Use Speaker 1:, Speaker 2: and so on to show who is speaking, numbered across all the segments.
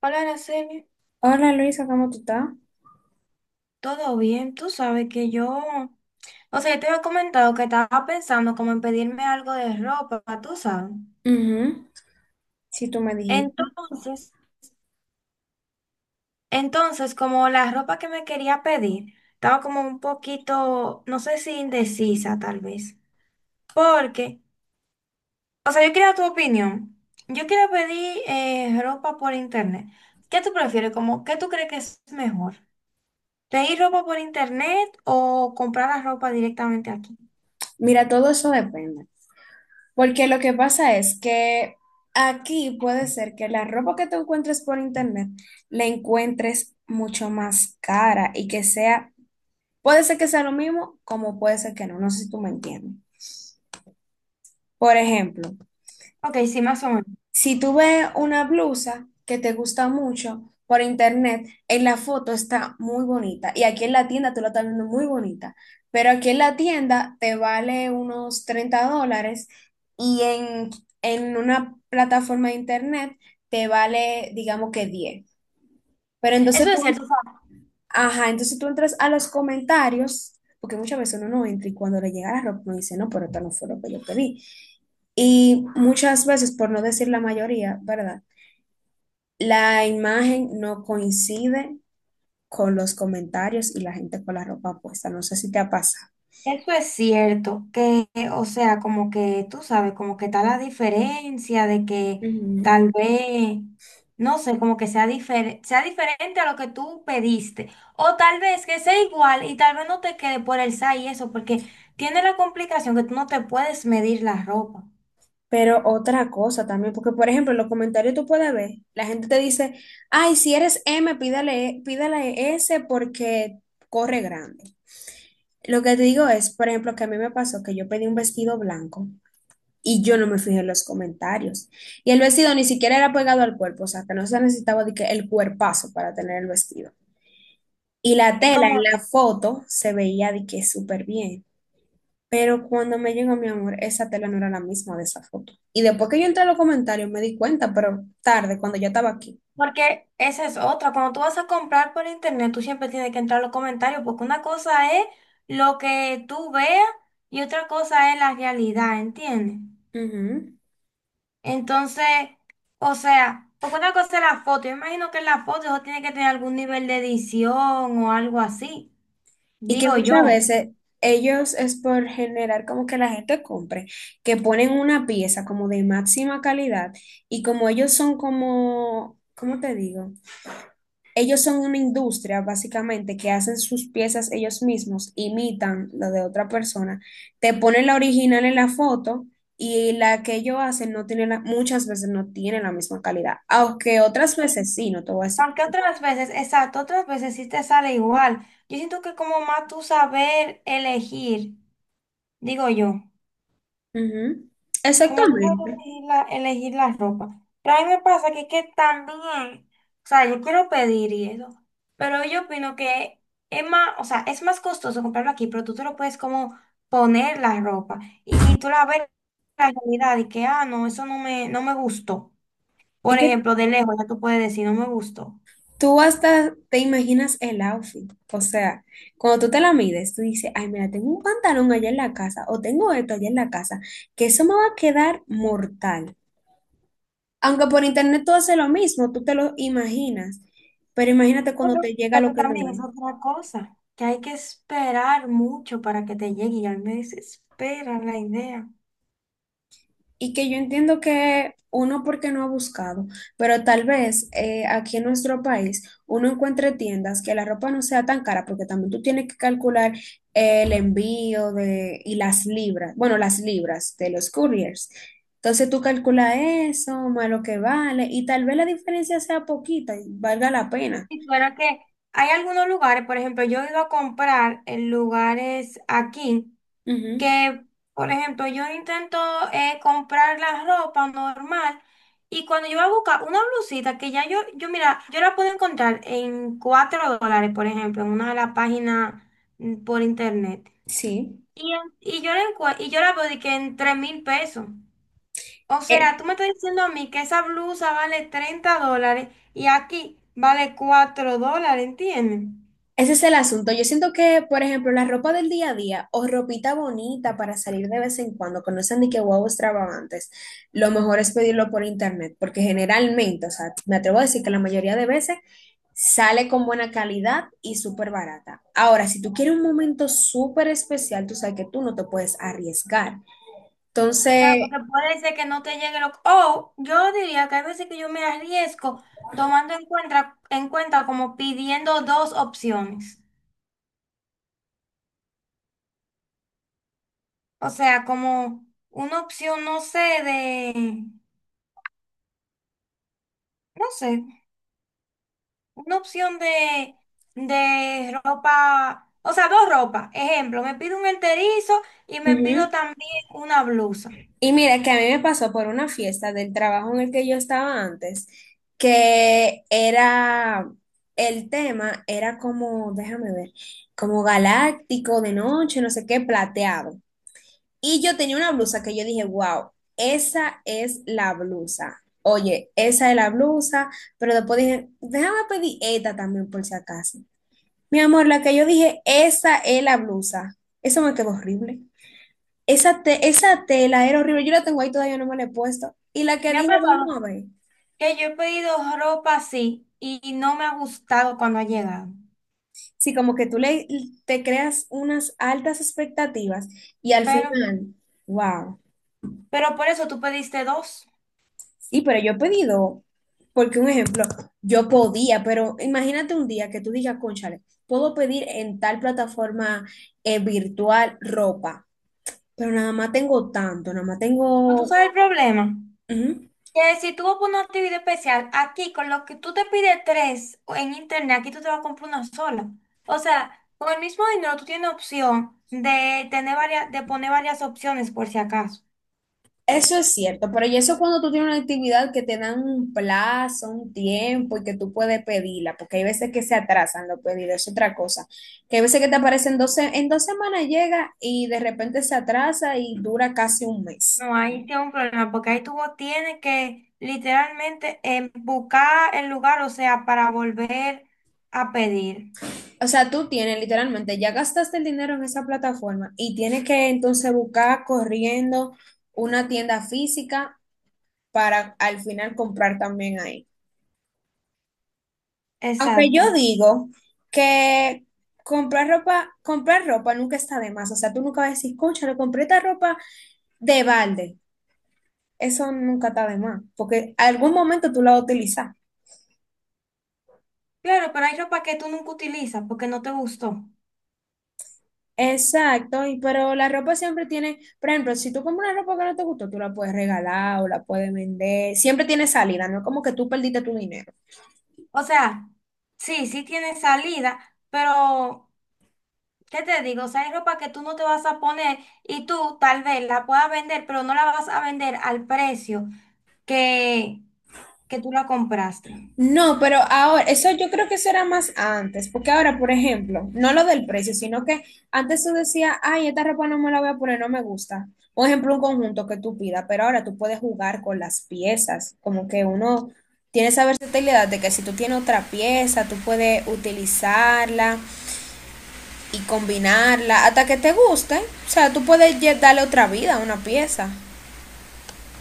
Speaker 1: Hola, Araceli,
Speaker 2: Hola Luisa, ¿cómo tú estás?
Speaker 1: ¿todo bien? Tú sabes que yo, o sea, yo te había comentado que estaba pensando como en pedirme algo de ropa, tú sabes.
Speaker 2: Ujú. Si tú me dijiste.
Speaker 1: Entonces, entonces, como la ropa que me quería pedir, estaba como un poquito, no sé si indecisa tal vez, porque, o sea, yo quería tu opinión. Yo quiero pedir ropa por internet. ¿Qué tú prefieres? Como, ¿qué tú crees que es mejor? ¿Pedir ropa por internet o comprar la ropa directamente aquí?
Speaker 2: Mira, todo eso depende. Porque lo que pasa es que aquí puede ser que la ropa que tú encuentres por internet la encuentres mucho más cara y que sea, puede ser que sea lo mismo, como puede ser que no. No sé si tú me entiendes. Por ejemplo,
Speaker 1: Ok, sí, más o menos.
Speaker 2: si tú ves una blusa que te gusta mucho por internet, en la foto está muy bonita y aquí en la tienda tú la estás viendo muy bonita, pero aquí en la tienda te vale unos $30 y en una plataforma de internet te vale, digamos que 10. Pero
Speaker 1: Eso
Speaker 2: entonces tú,
Speaker 1: es cierto.
Speaker 2: ajá, entonces tú entras a los comentarios, porque muchas veces uno no entra y cuando le llega la ropa uno dice, no, pero esto no fue lo que yo pedí. Y muchas veces, por no decir la mayoría, ¿verdad? La imagen no coincide con los comentarios y la gente con la ropa puesta. No sé si te ha pasado.
Speaker 1: Eso es cierto, que, o sea, como que tú sabes, como que está la diferencia de que
Speaker 2: Ujú.
Speaker 1: tal vez, no sé, como que sea, sea diferente a lo que tú pediste, o tal vez que sea igual y tal vez no te quede por el SAI y eso, porque tiene la complicación que tú no te puedes medir la ropa.
Speaker 2: Pero otra cosa también, porque por ejemplo, en los comentarios tú puedes ver, la gente te dice, ay, si eres M, pídale, pídale S porque corre grande. Lo que te digo es, por ejemplo, que a mí me pasó que yo pedí un vestido blanco y yo no me fijé en los comentarios. Y el vestido ni siquiera era pegado al cuerpo, o sea, que no se necesitaba de que el cuerpazo para tener el vestido. Y la
Speaker 1: Y
Speaker 2: tela
Speaker 1: como
Speaker 2: en la foto se veía de que súper bien. Pero cuando me llegó mi amor, esa tela no era la misma de esa foto. Y después que yo entré a los comentarios me di cuenta, pero tarde, cuando ya estaba aquí.
Speaker 1: porque esa es otra. Cuando tú vas a comprar por internet, tú siempre tienes que entrar a los comentarios, porque una cosa es lo que tú veas y otra cosa es la realidad, ¿entiendes?
Speaker 2: Ujú.
Speaker 1: Entonces, o sea, porque una cosa es la foto. Yo imagino que en la foto eso tiene que tener algún nivel de edición o algo así,
Speaker 2: Y que
Speaker 1: digo
Speaker 2: muchas
Speaker 1: yo.
Speaker 2: veces ellos es por generar como que la gente compre, que ponen una pieza como de máxima calidad y como ellos son como, ¿cómo te digo? Ellos son una industria, básicamente, que hacen sus piezas ellos mismos, imitan lo de otra persona, te ponen la original en la foto y la que ellos hacen no tiene muchas veces no tiene la misma calidad, aunque otras
Speaker 1: Sí.
Speaker 2: veces sí, no te voy a decir.
Speaker 1: Aunque otras veces, exacto, otras veces sí te sale igual. Yo siento que como más tú saber elegir, digo yo.
Speaker 2: Ujú.
Speaker 1: Como tú sabes
Speaker 2: Exactamente.
Speaker 1: elegir la ropa. Pero a mí me pasa que también, o sea, yo quiero pedir y eso, pero yo opino que es más, o sea, es más costoso comprarlo aquí, pero tú te lo puedes como poner la ropa y tú la ves la realidad y que, ah, no, eso no me gustó.
Speaker 2: Es
Speaker 1: Por
Speaker 2: que
Speaker 1: ejemplo, de lejos ya tú puedes decir, no me gustó.
Speaker 2: tú hasta te imaginas el outfit. O sea, cuando tú te la mides, tú dices, ay, mira, tengo un pantalón allá en la casa o tengo esto allá en la casa, que eso me va a quedar mortal. Aunque por internet tú haces lo mismo, tú te lo imaginas, pero imagínate cuando
Speaker 1: Bueno,
Speaker 2: te llega lo
Speaker 1: pero
Speaker 2: que no
Speaker 1: también
Speaker 2: es.
Speaker 1: es otra cosa, que hay que esperar mucho para que te llegue y a mí me desespera la idea.
Speaker 2: Y que yo entiendo que uno porque no ha buscado, pero tal vez aquí en nuestro país uno encuentre tiendas que la ropa no sea tan cara, porque también tú tienes que calcular el envío de, y las libras, bueno, las libras de los couriers. Entonces tú calculas eso, más lo que vale, y tal vez la diferencia sea poquita y valga la pena.
Speaker 1: Si fuera que hay algunos lugares, por ejemplo, yo he ido a comprar en lugares aquí
Speaker 2: Ujú.
Speaker 1: que, por ejemplo, yo intento comprar la ropa normal y cuando yo voy a buscar una blusita que ya yo mira, yo la puedo encontrar en $4, por ejemplo, en una de las páginas por internet.
Speaker 2: Sí.
Speaker 1: Y, y yo y yo la veo de que en 3,000 pesos. O sea, tú me estás diciendo a mí que esa blusa vale $30 y aquí vale $4, ¿entiendes?
Speaker 2: Ese es el asunto. Yo siento que, por ejemplo, la ropa del día a día o ropita bonita para salir de vez en cuando, que no sean ni que guau extravagantes, lo mejor es pedirlo por internet, porque generalmente, o sea, me atrevo a decir que la mayoría de veces sale con buena calidad y súper barata. Ahora, si tú quieres un momento súper especial, tú sabes que tú no te puedes arriesgar.
Speaker 1: Claro,
Speaker 2: Entonces,
Speaker 1: porque puede ser que no te llegue lo... O yo diría que hay veces que yo me arriesgo tomando en cuenta como pidiendo dos opciones. O sea, como una opción, no sé, de... No sé, una opción de ropa... O sea, dos ropas. Ejemplo, me pido un enterizo y me pido
Speaker 2: ujú.
Speaker 1: también una blusa.
Speaker 2: Y mira que a mí me pasó por una fiesta del trabajo en el que yo estaba antes, que era, el tema era como, déjame ver, como galáctico de noche, no sé qué, plateado. Y yo tenía una blusa que yo dije, wow, esa es la blusa. Oye, esa es la blusa, pero después dije, déjame pedir esta también por si acaso. Mi amor, la que yo dije, esa es la blusa. Eso me quedó horrible. Esa, esa tela era horrible. Yo la tengo ahí todavía, no me la he puesto. Y la que
Speaker 1: Me ha
Speaker 2: dije, vamos a
Speaker 1: pasado
Speaker 2: ver.
Speaker 1: que yo he pedido ropa así y no me ha gustado cuando ha llegado.
Speaker 2: Sí, como que tú te creas unas altas expectativas y al
Speaker 1: Pero,
Speaker 2: final, wow.
Speaker 1: pero por eso tú pediste dos.
Speaker 2: Sí, pero yo he pedido, porque un ejemplo, yo podía, pero imagínate un día que tú digas, cónchale, puedo pedir en tal plataforma virtual ropa, pero nada más tengo tanto, nada más
Speaker 1: ¿No tú
Speaker 2: tengo...
Speaker 1: sabes el problema?
Speaker 2: Ujú.
Speaker 1: Que si tú vas por una actividad especial, aquí con lo que tú te pides tres o en internet, aquí tú te vas a comprar una sola. O sea, con el mismo dinero tú tienes opción de tener varias, de poner varias opciones por si acaso.
Speaker 2: Eso es cierto, pero y eso cuando tú tienes una actividad que te dan un plazo, un tiempo y que tú puedes pedirla, porque hay veces que se atrasan los pedidos, es otra cosa, que hay veces que te aparecen dos, en 2 semanas llega y de repente se atrasa y dura casi un mes.
Speaker 1: No, ahí tiene un problema, porque ahí tú tienes que literalmente buscar el lugar, o sea, para volver a pedir.
Speaker 2: O sea, tú tienes literalmente, ya gastaste el dinero en esa plataforma y tienes que entonces buscar corriendo una tienda física para al final comprar también ahí. Aunque
Speaker 1: Exacto.
Speaker 2: yo digo que comprar ropa nunca está de más. O sea, tú nunca vas a decir, concha, le compré esta ropa de balde. Eso nunca está de más, porque algún momento tú la vas a utilizar.
Speaker 1: Claro, pero hay ropa que tú nunca utilizas porque no te gustó.
Speaker 2: Exacto, y pero la ropa siempre tiene, por ejemplo, si tú compras una ropa que no te gustó, tú la puedes regalar o la puedes vender. Siempre tiene salida, no es como que tú perdiste tu dinero.
Speaker 1: O sea, sí, sí tiene salida, pero ¿qué te digo? O sea, hay ropa que tú no te vas a poner y tú tal vez la puedas vender, pero no la vas a vender al precio que, que tú la compraste.
Speaker 2: No, pero ahora, eso yo creo que eso era más antes, porque ahora, por ejemplo, no lo del precio, sino que antes tú decías, ay, esta ropa no me la voy a poner, no me gusta. Por ejemplo, un conjunto que tú pidas, pero ahora tú puedes jugar con las piezas, como que uno tiene esa versatilidad de que si tú tienes otra pieza, tú puedes utilizarla y combinarla hasta que te guste. O sea, tú puedes ya darle otra vida a una pieza,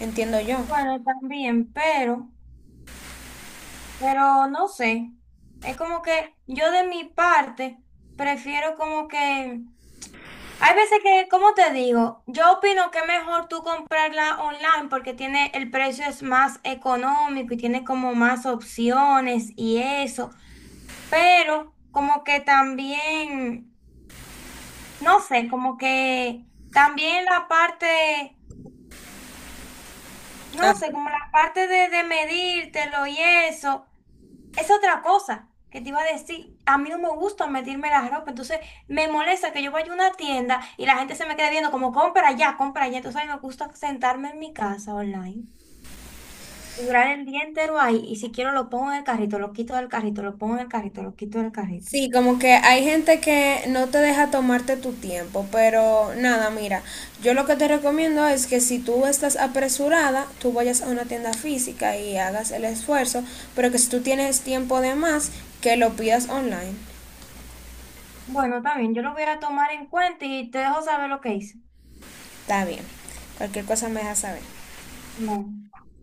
Speaker 2: entiendo yo.
Speaker 1: Bueno, también, pero no sé. Es como que yo de mi parte prefiero como que hay veces que, como te digo, yo opino que es mejor tú comprarla online porque tiene, el precio es más económico y tiene como más opciones y eso. Pero como que también, no sé, como que también la parte, no sé, como la parte de medírtelo y eso. Es otra cosa que te iba a decir. A mí no me gusta metirme la ropa, entonces me molesta que yo vaya a una tienda y la gente se me quede viendo como compra ya, compra ya. Entonces a mí me gusta sentarme en mi casa online y durar el día entero ahí. Y si quiero lo pongo en el carrito, lo quito del carrito, lo pongo en el carrito, lo quito del carrito.
Speaker 2: Sí, como que hay gente que no te deja tomarte tu tiempo, pero nada, mira, yo lo que te recomiendo es que si tú estás apresurada, tú vayas a una tienda física y hagas el esfuerzo, pero que si tú tienes tiempo de más, que lo pidas online.
Speaker 1: Bueno, también yo lo voy a tomar en cuenta y te dejo saber lo que hice.
Speaker 2: Está bien. Cualquier cosa me dejas saber.
Speaker 1: Bueno.